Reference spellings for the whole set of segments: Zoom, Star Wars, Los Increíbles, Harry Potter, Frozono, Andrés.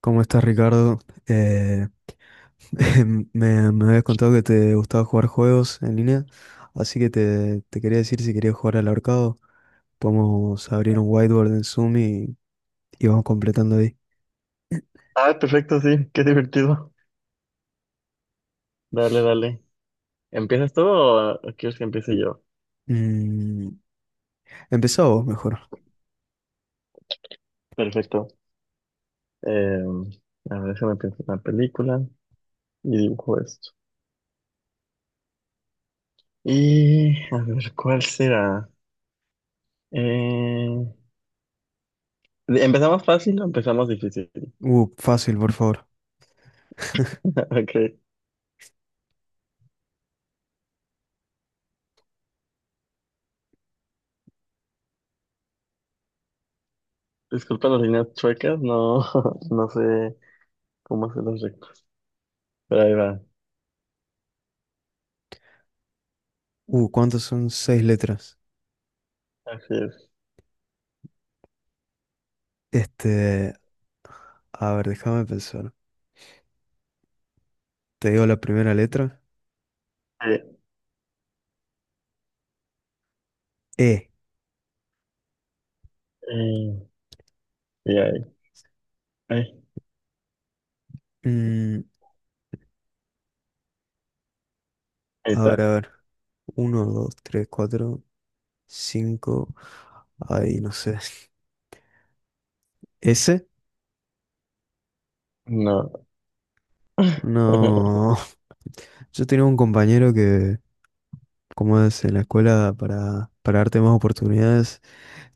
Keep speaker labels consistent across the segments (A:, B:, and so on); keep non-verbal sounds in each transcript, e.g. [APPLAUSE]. A: ¿Cómo estás, Ricardo? Eh, [LAUGHS] me habías contado que te gustaba jugar juegos en línea, así que te quería decir si querías jugar al ahorcado. Podemos abrir un whiteboard en Zoom y vamos completando ahí.
B: Ah, perfecto, sí, qué divertido. Dale, dale. ¿Empiezas tú o quieres que empiece yo?
A: Mm, empezá vos, mejor.
B: Perfecto. Eh, a ver, déjame pensar una película y dibujo esto. Y a ver, ¿cuál será? Eh, ¿Empezamos fácil o empezamos difícil? [LAUGHS]
A: Fácil, por favor.
B: Ok, disculpa las líneas chuecas, no, [LAUGHS] no sé cómo hacer los rectos. Pero ahí va,
A: ¿Cuántos son 6 letras?
B: así es.
A: Este, a ver, déjame pensar. Te digo la primera letra.
B: Eh,
A: E.
B: eh, y ahí,
A: Mm,
B: ahí
A: a ver,
B: está.
A: a ver. Uno, dos, tres, cuatro, cinco. Ahí, no sé. S.
B: No. [LAUGHS]
A: No, [LAUGHS] yo tenía un compañero que, como es en la escuela, para darte más oportunidades,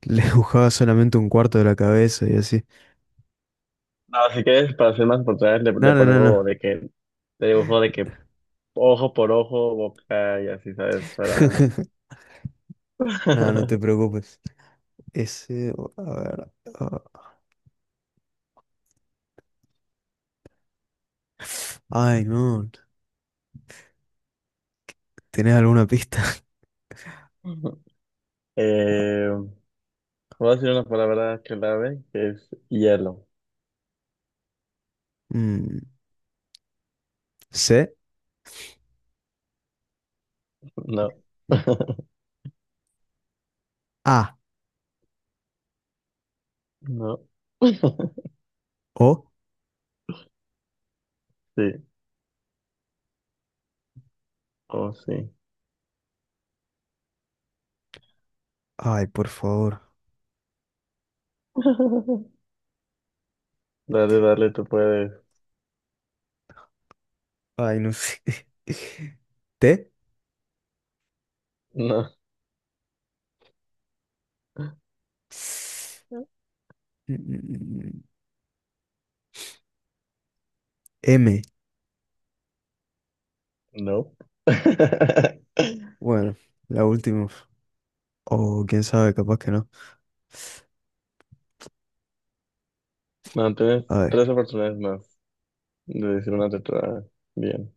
A: le [LAUGHS] dibujaba solamente un cuarto de la cabeza y así.
B: No, si quieres, para ser más oportunidades,
A: No,
B: le
A: no, no,
B: pongo
A: no.
B: de que, le dibujo de que ojo por ojo, boca y así, ¿sabes? Para...
A: [LAUGHS] No, no te
B: [LAUGHS]
A: preocupes. Ese, a ver. ah, Ay, no. ¿Tenés alguna pista? [LAUGHS]
B: eh, voy a decir una palabra clave que es hielo.
A: Mm, C,
B: No. [LAUGHS]
A: A,
B: No. [LAUGHS]
A: O.
B: Sí. Oh, sí.
A: Ay, por favor.
B: [LAUGHS] Dale, dale, tú puedes.
A: Ay, no sé. [LAUGHS] T.
B: No.
A: Mm, mm, mm, M.
B: No. [LAUGHS]
A: Bueno, la última. O quién sabe, capaz que no.
B: No, tienes
A: A ver,
B: tres oportunidades más de decir una letra bien.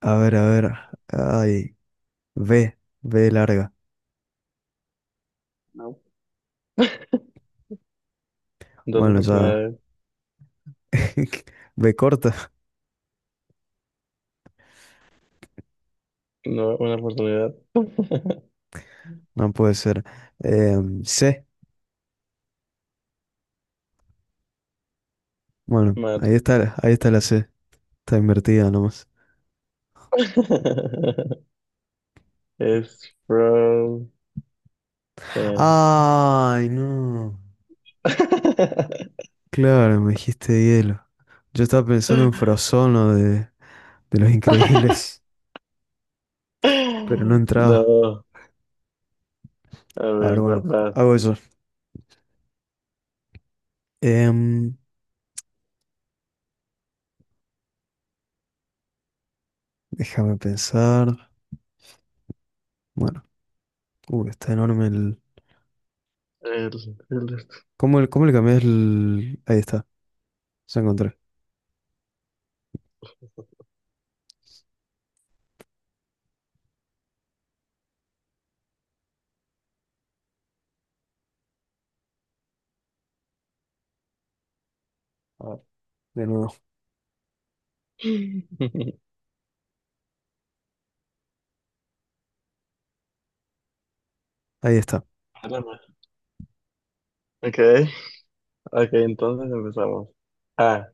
A: a ver, a ver. Ay, B, B larga.
B: No. Dos
A: Bueno, ya.
B: oportunidades.
A: [LAUGHS] B corta,
B: No, una oportunidad. [LAUGHS]
A: no puede ser. Em, C, bueno,
B: Mal.
A: ahí está la C. Está invertida nomás.
B: [LAUGHS] Es from Sam.
A: Ay, no.
B: [LAUGHS]
A: Claro, me dijiste hielo. Yo estaba pensando en Frozono de Los Increíbles, pero no entraba.
B: No, a
A: A ver,
B: ver, da-
A: bueno,
B: va.
A: hago eso. Em, déjame pensar. Bueno, está enorme el.
B: El, el-
A: Cómo le cambias el...? Ahí está, ya encontré. A ver, de nuevo.
B: [LAUGHS]
A: Ahí está.
B: Espérame. Ok, ok, entonces empezamos. A,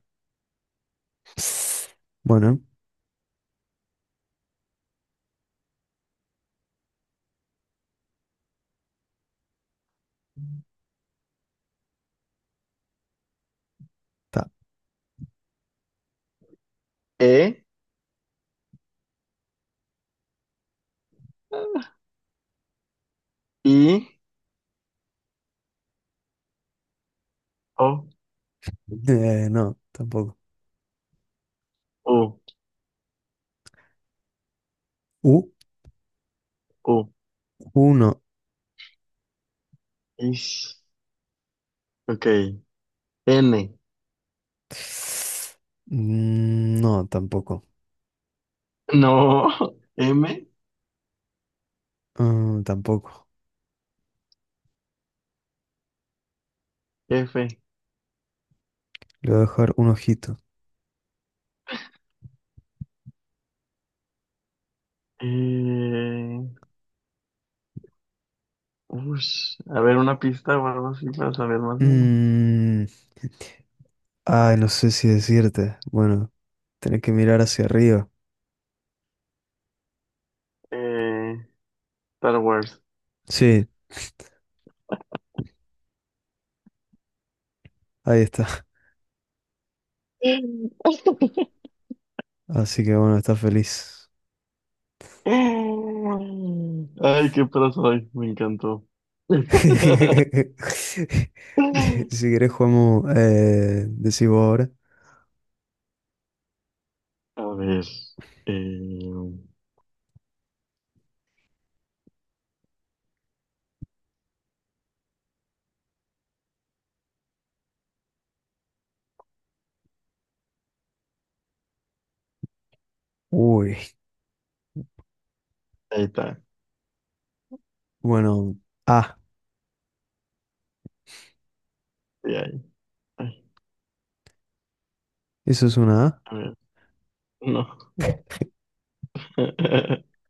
A: Bueno, está.
B: E, I, O,
A: No, tampoco.
B: U,
A: U,
B: U,
A: uno.
B: Ish. Ok, N,
A: Mm, no, tampoco.
B: no, [LAUGHS] M,
A: Mm, tampoco.
B: F,
A: Le voy a dejar un ojito.
B: E, Ush, a ver, una pista o algo así para saber más o menos.
A: Mm, ay, no sé si decirte. Bueno, tenés que mirar hacia arriba.
B: Eh, Star Wars.
A: Sí, ahí está.
B: [LAUGHS]
A: Así que bueno, está feliz.
B: Ay, qué pro soy, me encantó. [LAUGHS]
A: [LAUGHS] Si querés jugamos, decís vos ahora.
B: A ver, eh,
A: Uy.
B: ahí está.
A: Bueno, A.
B: Sí, ahí. Ay,
A: ¿Eso es una A?
B: a ver, no. [LAUGHS]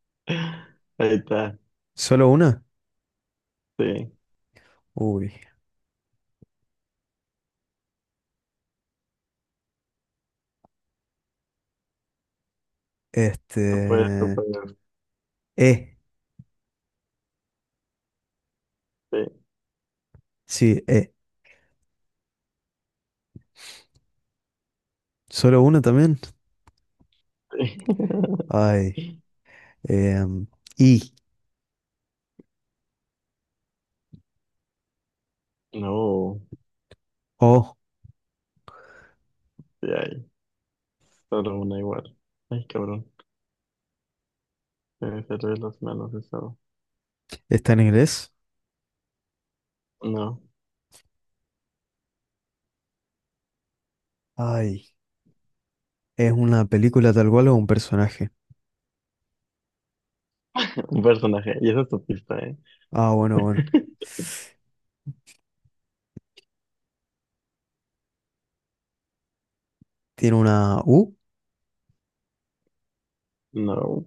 B: Ahí está,
A: ¿Solo una?
B: sí.
A: Uy.
B: No puede, no
A: Este.
B: puede,
A: E.
B: sí,
A: Sí, E. ¿Solo una también? Ay.
B: sí.
A: em, I.
B: [LAUGHS] No,
A: O.
B: sí, ahí. Solo una igual. Ay, cabrón. Se me cerré las manos eso.
A: ¿Está en inglés?
B: No.
A: Ay. ¿Es una película tal cual o un personaje?
B: Un personaje. Y esa es tu pista, ¿eh?
A: Ah, bueno, bueno. ¿Tiene una U?
B: No.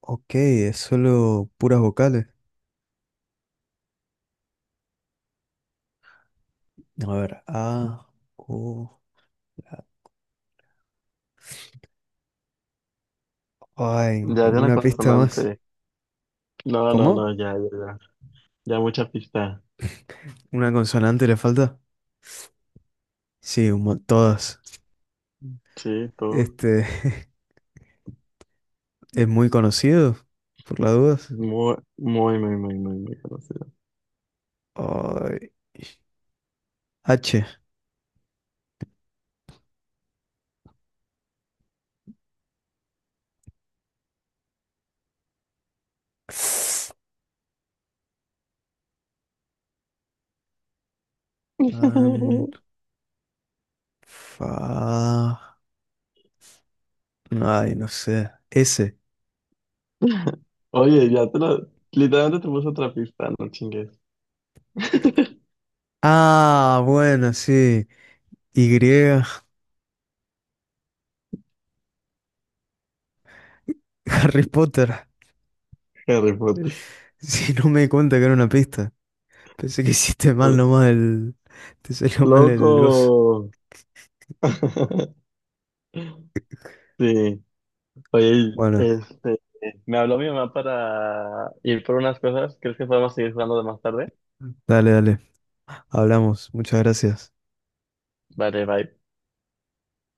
A: Ok, es solo puras vocales. A ver, A. U. Ay,
B: Ya de una
A: ¿alguna pista más?
B: consonante. No, no,
A: ¿Cómo?
B: no, ya, ya, ya. Ya mucha pista.
A: ¿Una consonante le falta? Sí, un mo- todas.
B: Sí, tú.
A: Este [LAUGHS] es muy conocido, por las dudas.
B: Muy, muy, muy, muy, muy, muy conocido.
A: Ay, H. Fan,
B: [LAUGHS]
A: fa. Ay, no sé. S.
B: Oye, ya te lo... Literalmente te puse otra pista, no chingues. [LAUGHS]
A: Ah, bueno, sí. Y. [LAUGHS] Harry Potter.
B: Harry Potter.
A: Si no me di cuenta que era una pista. Pensé que hiciste mal nomás el. Te salió mal el gozo.
B: ¡Loco! [LAUGHS] Sí. Oye,
A: Bueno,
B: este... Me habló mi mamá para ir por unas cosas. ¿Crees que podemos seguir jugando de más tarde?
A: dale, dale. Hablamos. Muchas gracias.
B: Vale, bye.